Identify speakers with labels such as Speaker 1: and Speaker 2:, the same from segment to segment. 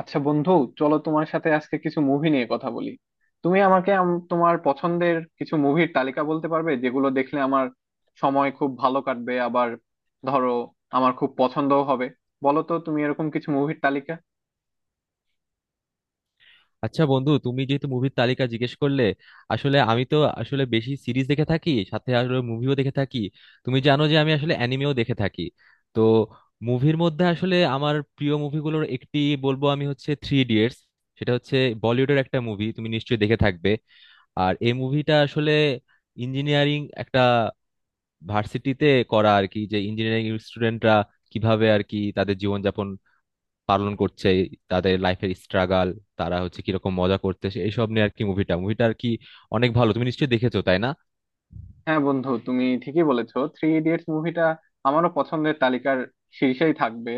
Speaker 1: আচ্ছা বন্ধু, চলো তোমার সাথে আজকে কিছু মুভি নিয়ে কথা বলি। তুমি আমাকে তোমার পছন্দের কিছু মুভির তালিকা বলতে পারবে, যেগুলো দেখলে আমার সময় খুব ভালো কাটবে, আবার ধরো আমার খুব পছন্দও হবে? বলো তো তুমি এরকম কিছু মুভির তালিকা।
Speaker 2: আচ্ছা বন্ধু, তুমি যেহেতু মুভির তালিকা জিজ্ঞেস করলে, আসলে আমি তো আসলে বেশি সিরিজ দেখে থাকি, সাথে আসলে মুভিও দেখে থাকি। তুমি জানো যে আমি আসলে অ্যানিমেও দেখে থাকি। তো মুভির মধ্যে আসলে আমার প্রিয় মুভিগুলোর একটি বলবো, আমি হচ্ছে থ্রি ইডিয়টস। সেটা হচ্ছে বলিউডের একটা মুভি, তুমি নিশ্চয়ই দেখে থাকবে। আর এই মুভিটা আসলে ইঞ্জিনিয়ারিং একটা ভার্সিটিতে করা আর কি, যে ইঞ্জিনিয়ারিং স্টুডেন্টরা কিভাবে আর কি তাদের জীবনযাপন পালন করছে, তাদের লাইফের স্ট্রাগল, তারা হচ্ছে কিরকম মজা করতেছে, এইসব নিয়ে আর কি। মুভিটা মুভিটা আর কি অনেক ভালো, তুমি নিশ্চয়ই দেখেছো, তাই না?
Speaker 1: হ্যাঁ বন্ধু, তুমি ঠিকই বলেছো, থ্রি ইডিয়টস মুভিটা আমারও পছন্দের তালিকার শীর্ষেই থাকবে।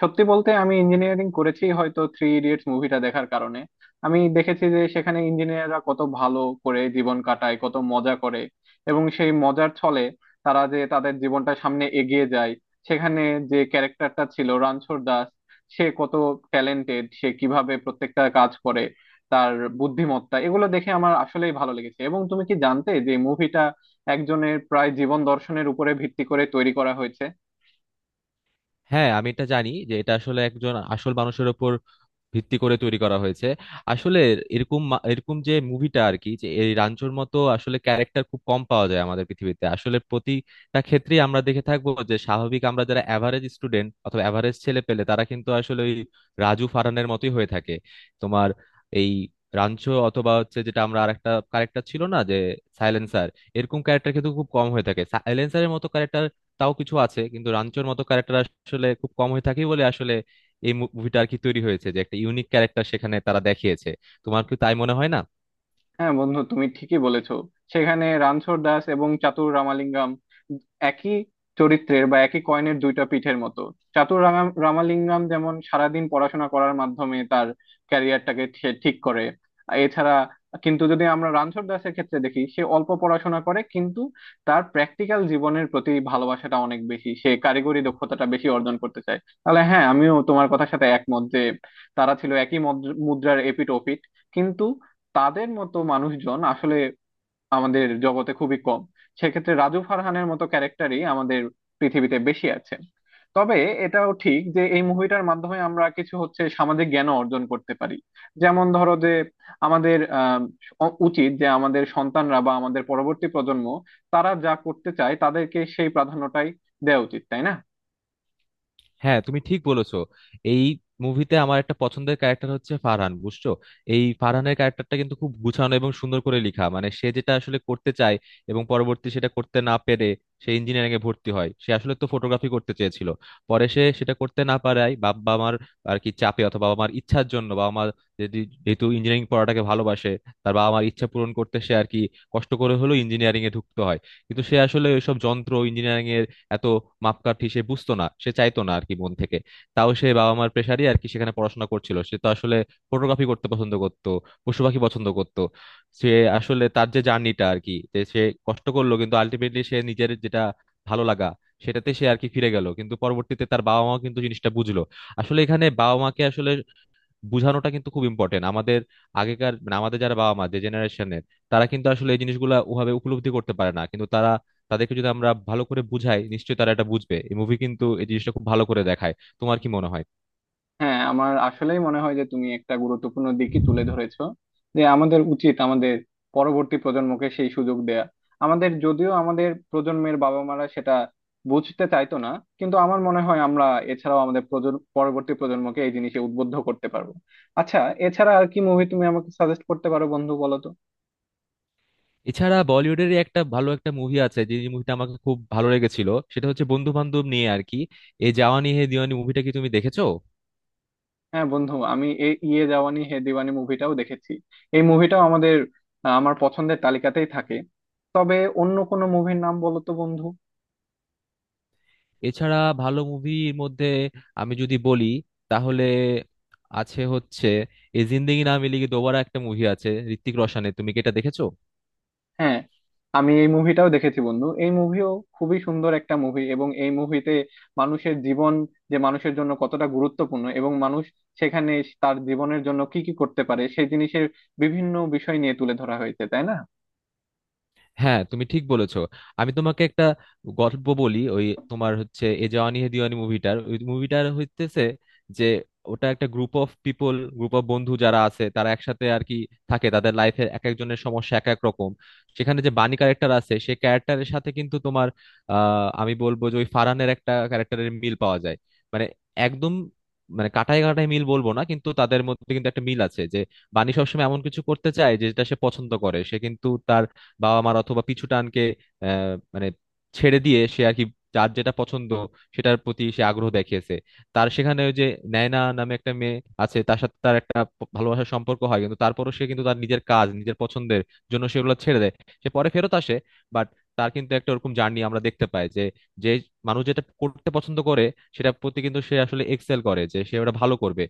Speaker 1: সত্যি বলতে, আমি ইঞ্জিনিয়ারিং করেছি হয়তো থ্রি ইডিয়টস মুভিটা দেখার কারণে। আমি দেখেছি যে সেখানে ইঞ্জিনিয়াররা কত ভালো করে জীবন কাটায়, কত মজা করে, এবং সেই মজার ছলে তারা যে তাদের জীবনটা সামনে এগিয়ে যায়। সেখানে যে ক্যারেক্টারটা ছিল রানছোড় দাস, সে কত ট্যালেন্টেড, সে কিভাবে প্রত্যেকটা কাজ করে, তার বুদ্ধিমত্তা, এগুলো দেখে আমার আসলেই ভালো লেগেছে। এবং তুমি কি জানতে যে মুভিটা একজনের প্রায় জীবন দর্শনের উপরে ভিত্তি করে তৈরি করা হয়েছে?
Speaker 2: হ্যাঁ, আমি এটা জানি যে এটা আসলে একজন আসল মানুষের ওপর ভিত্তি করে তৈরি করা হয়েছে। আসলে এরকম যে মুভিটা আর কি, যে এই রাঞ্চোর মতো আসলে ক্যারেক্টার খুব কম পাওয়া যায় আমাদের পৃথিবীতে। আসলে প্রতিটা ক্ষেত্রেই আমরা দেখে থাকবো যে স্বাভাবিক, আমরা যারা অ্যাভারেজ স্টুডেন্ট অথবা অ্যাভারেজ ছেলে পেলে, তারা কিন্তু আসলে ওই রাজু ফারানের মতোই হয়ে থাকে। তোমার এই রাঞ্চো অথবা হচ্ছে যেটা আমরা আরেকটা ক্যারেক্টার ছিল না, যে সাইলেন্সার, এরকম ক্যারেক্টার কিন্তু খুব কম হয়ে থাকে। সাইলেন্সারের মতো ক্যারেক্টার তাও কিছু আছে, কিন্তু রাঞ্চোর মতো ক্যারেক্টার আসলে খুব কম হয়ে থাকে বলে আসলে এই মুভিটা আর কি তৈরি হয়েছে, যে একটা ইউনিক ক্যারেক্টার সেখানে তারা দেখিয়েছে। তোমার কি তাই মনে হয় না?
Speaker 1: হ্যাঁ বন্ধু, তুমি ঠিকই বলেছো। সেখানে রানছোড় দাস এবং চাতুর রামালিঙ্গম একই চরিত্রের, বা একই কয়েনের দুইটা পিঠের মতো। চাতুর রামালিঙ্গম যেমন সারাদিন পড়াশোনা করার মাধ্যমে তার ক্যারিয়ারটাকে সে ঠিক করে, এছাড়া। কিন্তু যদি আমরা রানছোড় দাসের ক্ষেত্রে দেখি, সে অল্প পড়াশোনা করে, কিন্তু তার প্র্যাকটিক্যাল জীবনের প্রতি ভালোবাসাটা অনেক বেশি, সে কারিগরি দক্ষতাটা বেশি অর্জন করতে চায়। তাহলে হ্যাঁ, আমিও তোমার কথার সাথে একমত যে তারা ছিল একই মুদ্রার এপিঠ ওপিঠ। কিন্তু তাদের মতো মানুষজন আসলে আমাদের জগতে খুবই কম, সেক্ষেত্রে রাজু ফারহানের মতো ক্যারেক্টারই আমাদের পৃথিবীতে বেশি আছে। তবে এটাও ঠিক যে এই মুভিটার মাধ্যমে আমরা কিছু হচ্ছে সামাজিক জ্ঞান অর্জন করতে পারি। যেমন ধরো যে আমাদের উচিত যে আমাদের সন্তানরা বা আমাদের পরবর্তী প্রজন্ম, তারা যা করতে চায়, তাদেরকে সেই প্রাধান্যটাই দেওয়া উচিত, তাই না?
Speaker 2: হ্যাঁ তুমি ঠিক বলেছো। এই মুভিতে আমার একটা পছন্দের ক্যারেক্টার হচ্ছে ফারহান, বুঝছো? এই ফারহানের ক্যারেক্টারটা কিন্তু খুব গুছানো এবং সুন্দর করে লেখা। মানে সে যেটা আসলে করতে চায় এবং পরবর্তী সেটা করতে না পেরে সে ইঞ্জিনিয়ারিং এ ভর্তি হয়। সে আসলে তো ফটোগ্রাফি করতে চেয়েছিল, পরে সে সেটা করতে না পারায় বাবা মার আর কি চাপে, অথবা বাবা মার ইচ্ছার জন্য, বাবা মা যদি, যেহেতু ইঞ্জিনিয়ারিং পড়াটাকে ভালোবাসে, তার বাবা মার ইচ্ছা পূরণ করতে সে আর কি কষ্ট করে হলেও ইঞ্জিনিয়ারিং এ ঢুকতে হয়। কিন্তু সে আসলে ওইসব যন্ত্র ইঞ্জিনিয়ারিং, এত মাপকাঠি সে বুঝতো না, সে চাইতো না আর কি মন থেকে। তাও সে বাবা মার প্রেশারই আর কি সেখানে পড়াশোনা করছিল। সে তো আসলে ফটোগ্রাফি করতে পছন্দ করতো, পশু পাখি পছন্দ করতো। সে আসলে তার যে জার্নিটা আর কি, যে সে কষ্ট করলো, কিন্তু আলটিমেটলি সে নিজের যেটা ভালো লাগা, সেটাতে সে আর কি ফিরে গেল। কিন্তু পরবর্তীতে তার বাবা মা কিন্তু জিনিসটা বুঝলো। আসলে এখানে বাবা মাকে আসলে বুঝানোটা কিন্তু খুব ইম্পর্টেন্ট। আমাদের আগেকার, মানে আমাদের যারা বাবা মা, যে জেনারেশনের, তারা কিন্তু আসলে এই জিনিসগুলো ওভাবে উপলব্ধি করতে পারে না, কিন্তু তারা, তাদেরকে যদি আমরা ভালো করে বুঝাই, নিশ্চয়ই তারা এটা বুঝবে। এই মুভি কিন্তু এই জিনিসটা খুব ভালো করে দেখায়। তোমার কি মনে হয়?
Speaker 1: হ্যাঁ, আমার আসলেই মনে হয় যে তুমি একটা গুরুত্বপূর্ণ দিকই তুলে ধরেছো, যে আমাদের উচিত আমাদের পরবর্তী প্রজন্মকে সেই সুযোগ দেয়া। আমাদের, যদিও আমাদের প্রজন্মের বাবা মারা সেটা বুঝতে চাইতো না, কিন্তু আমার মনে হয় আমরা, এছাড়াও আমাদের প্রজন্ম, পরবর্তী প্রজন্মকে এই জিনিসে উদ্বুদ্ধ করতে পারবো। আচ্ছা, এছাড়া আর কি মুভি তুমি আমাকে সাজেস্ট করতে পারো বন্ধু, বলো তো?
Speaker 2: এছাড়া বলিউডের একটা ভালো একটা মুভি আছে, যে মুভিটা আমাকে খুব ভালো লেগেছিল, সেটা হচ্ছে বন্ধু বান্ধব নিয়ে আর কি, এই জাওয়ানি হে দিওয়ানি মুভিটা কি তুমি দেখেছো?
Speaker 1: হ্যাঁ বন্ধু, আমি এই ইয়ে জাওয়ানি হে দিওয়ানি মুভিটাও দেখেছি। এই মুভিটাও আমাদের, আমার পছন্দের তালিকাতেই থাকে। তবে অন্য কোনো মুভির নাম বলো তো বন্ধু।
Speaker 2: এছাড়া ভালো মুভির মধ্যে আমি যদি বলি, তাহলে আছে হচ্ছে এই জিন্দেগি না মিলেগি দোবারা, একটা মুভি আছে ঋত্বিক রোশনের, তুমি কি এটা দেখেছো?
Speaker 1: হ্যাঁ, আমি এই মুভিটাও দেখেছি বন্ধু। এই মুভিও খুবই সুন্দর একটা মুভি, এবং এই মুভিতে মানুষের জীবন যে মানুষের জন্য কতটা গুরুত্বপূর্ণ, এবং মানুষ সেখানে তার জীবনের জন্য কি কি করতে পারে, সেই জিনিসের বিভিন্ন বিষয় নিয়ে তুলে ধরা হয়েছে, তাই না?
Speaker 2: হ্যাঁ তুমি ঠিক বলেছো। আমি তোমাকে একটা গল্প বলি। ওই তোমার হচ্ছে এ জাওয়ানি হে দিওয়ানি মুভিটার, ওই মুভিটার হইতেছে যে ওটা একটা group of people, group of বন্ধু যারা আছে, তারা একসাথে আর কি থাকে। তাদের লাইফের এক একজনের সমস্যা এক এক রকম। সেখানে যে বানি ক্যারেক্টার আছে, সেই ক্যারেক্টারের সাথে কিন্তু তোমার, আমি বলবো যে ওই ফারহানের একটা ক্যারেক্টারের মিল পাওয়া যায়। মানে একদম, মানে কাটায় কাটায় মিল বলবো না, কিন্তু তাদের মধ্যে কিন্তু একটা মিল আছে, যে বানি সবসময় এমন কিছু করতে চায় যেটা সে পছন্দ করে। সে কিন্তু তার বাবা মার অথবা পিছু টানকে মানে ছেড়ে দিয়ে সে আর কি যার যেটা পছন্দ সেটার প্রতি সে আগ্রহ দেখিয়েছে। তার সেখানে ওই যে নায়না নামে একটা মেয়ে আছে, তার সাথে তার একটা ভালোবাসার সম্পর্ক হয়, কিন্তু তারপরও সে কিন্তু তার নিজের কাজ, নিজের পছন্দের জন্য সেগুলো ছেড়ে দেয়। সে পরে ফেরত আসে। বাট তার কিন্তু একটা ওরকম জার্নি আমরা দেখতে পাই, যে, যে মানুষ যেটা করতে পছন্দ করে সেটার প্রতি কিন্তু সে আসলে এক্সেল করে, যে সে ওটা ভালো করবে।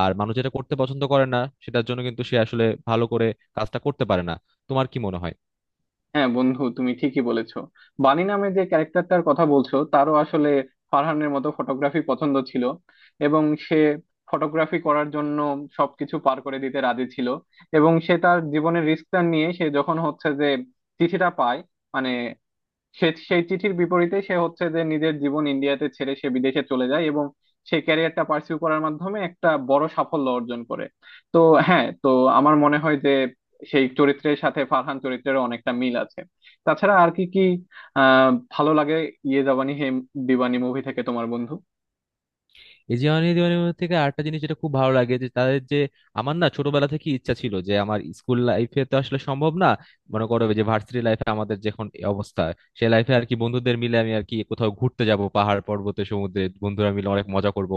Speaker 2: আর মানুষ যেটা করতে পছন্দ করে না, সেটার জন্য কিন্তু সে আসলে ভালো করে কাজটা করতে পারে না। তোমার কি মনে হয়?
Speaker 1: হ্যাঁ বন্ধু, তুমি ঠিকই বলেছো। বানি নামে যে ক্যারেক্টারটার কথা বলছো, তারও আসলে ফারহানের মতো ফটোগ্রাফি পছন্দ ছিল, এবং সে ফটোগ্রাফি করার জন্য সবকিছু পার করে দিতে রাজি ছিল। এবং সে তার জীবনের রিস্কটা নিয়ে, সে যখন হচ্ছে যে চিঠিটা পায়, মানে সে সেই চিঠির বিপরীতে সে হচ্ছে যে নিজের জীবন ইন্ডিয়াতে ছেড়ে সে বিদেশে চলে যায়, এবং সে ক্যারিয়ারটা পার্সিউ করার মাধ্যমে একটা বড় সাফল্য অর্জন করে। তো হ্যাঁ, তো আমার মনে হয় যে সেই চরিত্রের সাথে ফারহান চরিত্রেরও অনেকটা মিল আছে। তাছাড়া আর কি কি ভালো লাগে ইয়ে জাবানি হে দিওয়ানি মুভি থেকে, তোমার বন্ধু?
Speaker 2: এই জিওনি দিওয়ানি থেকে আরেকটা জিনিস যেটা খুব ভালো লাগে, যে তাদের যে, আমার না ছোটবেলা থেকে ইচ্ছা ছিল যে আমার স্কুল লাইফে তো আসলে সম্ভব না, মনে করো যে ভার্সিটি লাইফে আমাদের যখন এই অবস্থা, সে লাইফে আর কি বন্ধুদের মিলে আমি আর কি কোথাও ঘুরতে যাব, পাহাড় পর্বতে, সমুদ্রে, বন্ধুরা মিলে অনেক মজা করব,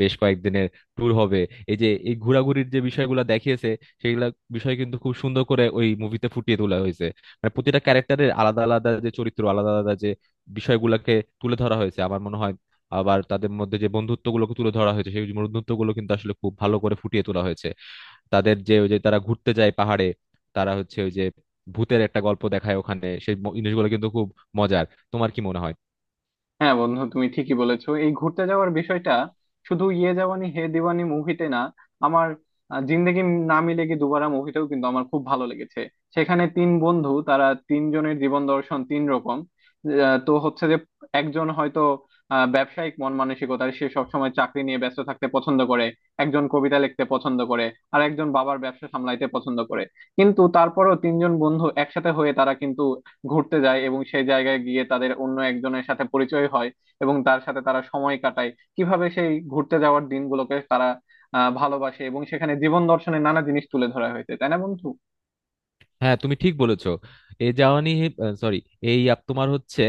Speaker 2: বেশ কয়েকদিনের ট্যুর হবে। এই যে এই ঘোরাঘুরির যে বিষয়গুলো দেখিয়েছে, সেগুলা বিষয় কিন্তু খুব সুন্দর করে ওই মুভিতে ফুটিয়ে তোলা হয়েছে। মানে প্রতিটা ক্যারেক্টারের আলাদা আলাদা যে চরিত্র, আলাদা আলাদা যে বিষয়গুলোকে তুলে ধরা হয়েছে, আমার মনে হয়। আবার তাদের মধ্যে যে বন্ধুত্বগুলোকে তুলে ধরা হয়েছে, সেই বন্ধুত্বগুলো কিন্তু আসলে খুব ভালো করে ফুটিয়ে তোলা হয়েছে। তাদের যে ওই যে তারা ঘুরতে যায় পাহাড়ে, তারা হচ্ছে ওই যে ভূতের একটা গল্প দেখায় ওখানে, সেই জিনিসগুলো কিন্তু খুব মজার। তোমার কি মনে হয়?
Speaker 1: হ্যাঁ বন্ধু, তুমি ঠিকই বলেছো। এই ঘুরতে যাওয়ার বিষয়টা শুধু ইয়ে জাওয়ানি হে দিওয়ানি মুভিতে না, আমার জিন্দেগি না মিলেগি দুবারা মুভিটাও কিন্তু আমার খুব ভালো লেগেছে। সেখানে তিন বন্ধু, তারা তিনজনের জীবন দর্শন তিন রকম। তো হচ্ছে যে একজন হয়তো ব্যবসায়িক মন মানসিকতার, সে সবসময় চাকরি নিয়ে ব্যস্ত থাকতে পছন্দ করে। একজন কবিতা লিখতে পছন্দ করে। আর একজন বাবার ব্যবসা সামলাইতে পছন্দ করে। কিন্তু তারপরও তিনজন বন্ধু একসাথে হয়ে তারা কিন্তু ঘুরতে যায়, এবং সেই জায়গায় গিয়ে তাদের অন্য একজনের সাথে পরিচয় হয়, এবং তার সাথে তারা সময় কাটায়। কিভাবে সেই ঘুরতে যাওয়ার দিনগুলোকে তারা ভালোবাসে, এবং সেখানে জীবন দর্শনের নানা জিনিস তুলে ধরা হয়েছে, তাই না বন্ধু?
Speaker 2: হ্যাঁ তুমি ঠিক বলেছো। এ জাওয়ানি, সরি, এই আপ তোমার হচ্ছে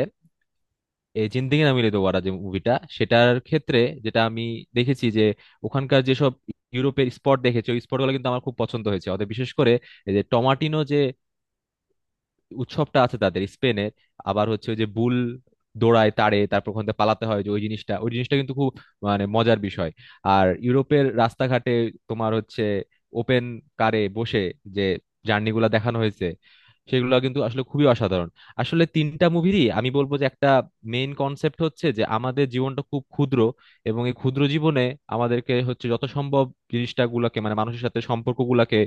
Speaker 2: এই জিন্দেগি না মিলে দোবারা, যে মুভিটা, সেটার ক্ষেত্রে যেটা আমি দেখেছি যে ওখানকার যেসব ইউরোপের স্পট দেখেছি, ওই স্পটগুলো কিন্তু আমার খুব পছন্দ হয়েছে। অতএব বিশেষ করে এই যে টমাটিনো যে উৎসবটা আছে তাদের স্পেনের, আবার হচ্ছে ওই যে বুল দৌড়ায় তারে তারপর ওখান থেকে পালাতে হয়, যে ওই জিনিসটা, ওই জিনিসটা কিন্তু খুব, মানে, মজার বিষয়। আর ইউরোপের রাস্তাঘাটে তোমার হচ্ছে ওপেন কারে বসে যে জার্নি গুলা দেখানো হয়েছে, সেগুলো কিন্তু আসলে খুবই অসাধারণ। আসলে তিনটা মুভিরই আমি বলবো যে একটা মেইন কনসেপ্ট হচ্ছে যে আমাদের জীবনটা খুব ক্ষুদ্র, এবং এই ক্ষুদ্র জীবনে আমাদেরকে হচ্ছে যত সম্ভব জিনিসটা গুলাকে, মানে মানুষের সাথে সম্পর্ক গুলাকে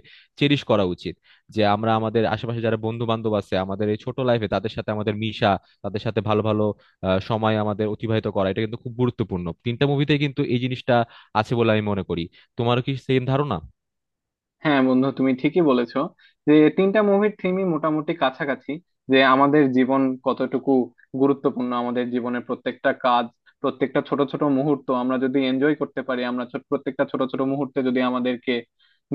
Speaker 2: চেরিশ করা উচিত। যে আমরা আমাদের আশেপাশে যারা বন্ধু বান্ধব আছে আমাদের এই ছোট লাইফে, তাদের সাথে আমাদের মিশা, তাদের সাথে ভালো ভালো সময় আমাদের অতিবাহিত করা, এটা কিন্তু খুব গুরুত্বপূর্ণ। তিনটা মুভিতে কিন্তু এই জিনিসটা আছে বলে আমি মনে করি। তোমারও কি সেম ধারণা?
Speaker 1: হ্যাঁ বন্ধু, তুমি ঠিকই বলেছো যে তিনটা মুভির থিমই মোটামুটি কাছাকাছি। যে আমাদের জীবন কতটুকু গুরুত্বপূর্ণ, আমাদের জীবনের প্রত্যেকটা কাজ, প্রত্যেকটা ছোট ছোট মুহূর্ত আমরা যদি এনজয় করতে পারি, আমরা প্রত্যেকটা ছোট ছোট মুহূর্তে যদি আমাদেরকে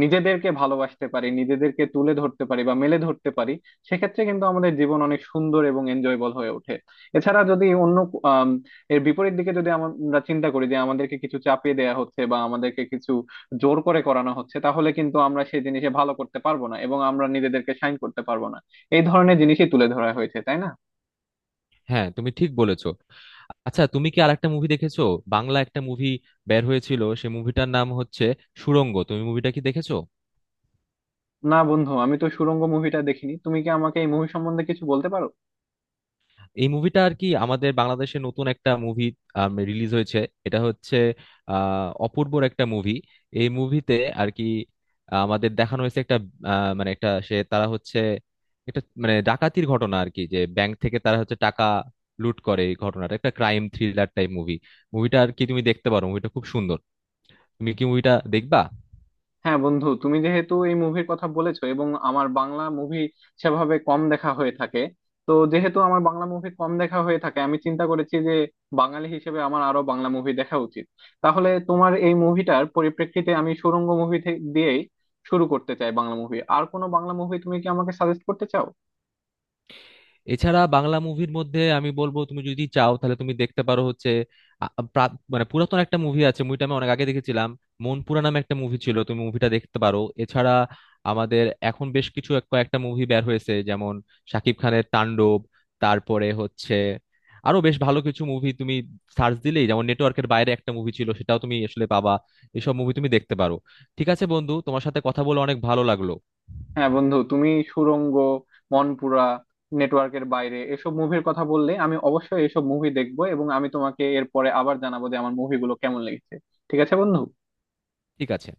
Speaker 1: নিজেদেরকে ভালোবাসতে পারি, নিজেদেরকে তুলে ধরতে পারি বা মেলে ধরতে পারি, সেক্ষেত্রে কিন্তু আমাদের জীবন অনেক সুন্দর এবং এনজয়েবল হয়ে ওঠে। এছাড়া যদি অন্য, আম, এর বিপরীত দিকে যদি আমরা চিন্তা করি যে আমাদেরকে কিছু চাপিয়ে দেওয়া হচ্ছে বা আমাদেরকে কিছু জোর করে করানো হচ্ছে, তাহলে কিন্তু আমরা সেই জিনিসে ভালো করতে পারবো না, এবং আমরা নিজেদেরকে সাইন করতে পারবো না। এই ধরনের জিনিসই তুলে ধরা হয়েছে, তাই না?
Speaker 2: হ্যাঁ তুমি ঠিক বলেছো। আচ্ছা তুমি কি আরেকটা মুভি দেখেছো? বাংলা একটা মুভি বের হয়েছিল, সে মুভিটার নাম হচ্ছে সুড়ঙ্গ, তুমি মুভিটা কি দেখেছো?
Speaker 1: না বন্ধু, আমি তো সুড়ঙ্গ মুভিটা দেখিনি। তুমি কি আমাকে এই মুভি সম্বন্ধে কিছু বলতে পারো?
Speaker 2: এই মুভিটা আর কি আমাদের বাংলাদেশে নতুন একটা মুভি রিলিজ হয়েছে। এটা হচ্ছে অপূর্বর একটা মুভি। এই মুভিতে আর কি আমাদের দেখানো হয়েছে একটা, মানে, একটা, সে তারা হচ্ছে একটা, মানে, ডাকাতির ঘটনা আর কি, যে ব্যাংক থেকে তারা হচ্ছে টাকা লুট করে। এই ঘটনাটা একটা ক্রাইম থ্রিলার টাইপ মুভি, মুভিটা আর কি তুমি দেখতে পারো, মুভিটা খুব সুন্দর। তুমি কি মুভিটা দেখবা?
Speaker 1: হ্যাঁ বন্ধু, তুমি যেহেতু এই মুভির কথা বলেছো, এবং আমার বাংলা মুভি সেভাবে কম দেখা হয়ে থাকে, তো যেহেতু আমার বাংলা মুভি কম দেখা হয়ে থাকে, আমি চিন্তা করেছি যে বাঙালি হিসেবে আমার আরো বাংলা মুভি দেখা উচিত। তাহলে তোমার এই মুভিটার পরিপ্রেক্ষিতে আমি সুড়ঙ্গ মুভি দিয়েই শুরু করতে চাই বাংলা মুভি। আর কোনো বাংলা মুভি তুমি কি আমাকে সাজেস্ট করতে চাও?
Speaker 2: এছাড়া বাংলা মুভির মধ্যে আমি বলবো, তুমি যদি চাও তাহলে তুমি দেখতে পারো হচ্ছে মানে পুরাতন একটা মুভি আছে, মুভিটা আমি অনেক আগে দেখেছিলাম, মনপুরা নামে একটা মুভি ছিল, তুমি মুভিটা দেখতে পারো। এছাড়া আমাদের এখন বেশ কিছু কয়েকটা মুভি বের হয়েছে যেমন শাকিব খানের তাণ্ডব, তারপরে হচ্ছে আরো বেশ ভালো কিছু মুভি তুমি সার্চ দিলেই, যেমন নেটওয়ার্কের বাইরে একটা মুভি ছিল, সেটাও তুমি আসলে পাবা। এসব মুভি তুমি দেখতে পারো। ঠিক আছে বন্ধু, তোমার সাথে কথা বলে অনেক ভালো লাগলো।
Speaker 1: হ্যাঁ বন্ধু, তুমি সুড়ঙ্গ, মনপুরা, নেটওয়ার্কের বাইরে এসব মুভির কথা বললে, আমি অবশ্যই এসব মুভি দেখবো, এবং আমি তোমাকে এরপরে আবার জানাবো যে আমার মুভিগুলো কেমন লেগেছে। ঠিক আছে বন্ধু।
Speaker 2: ঠিক আছে।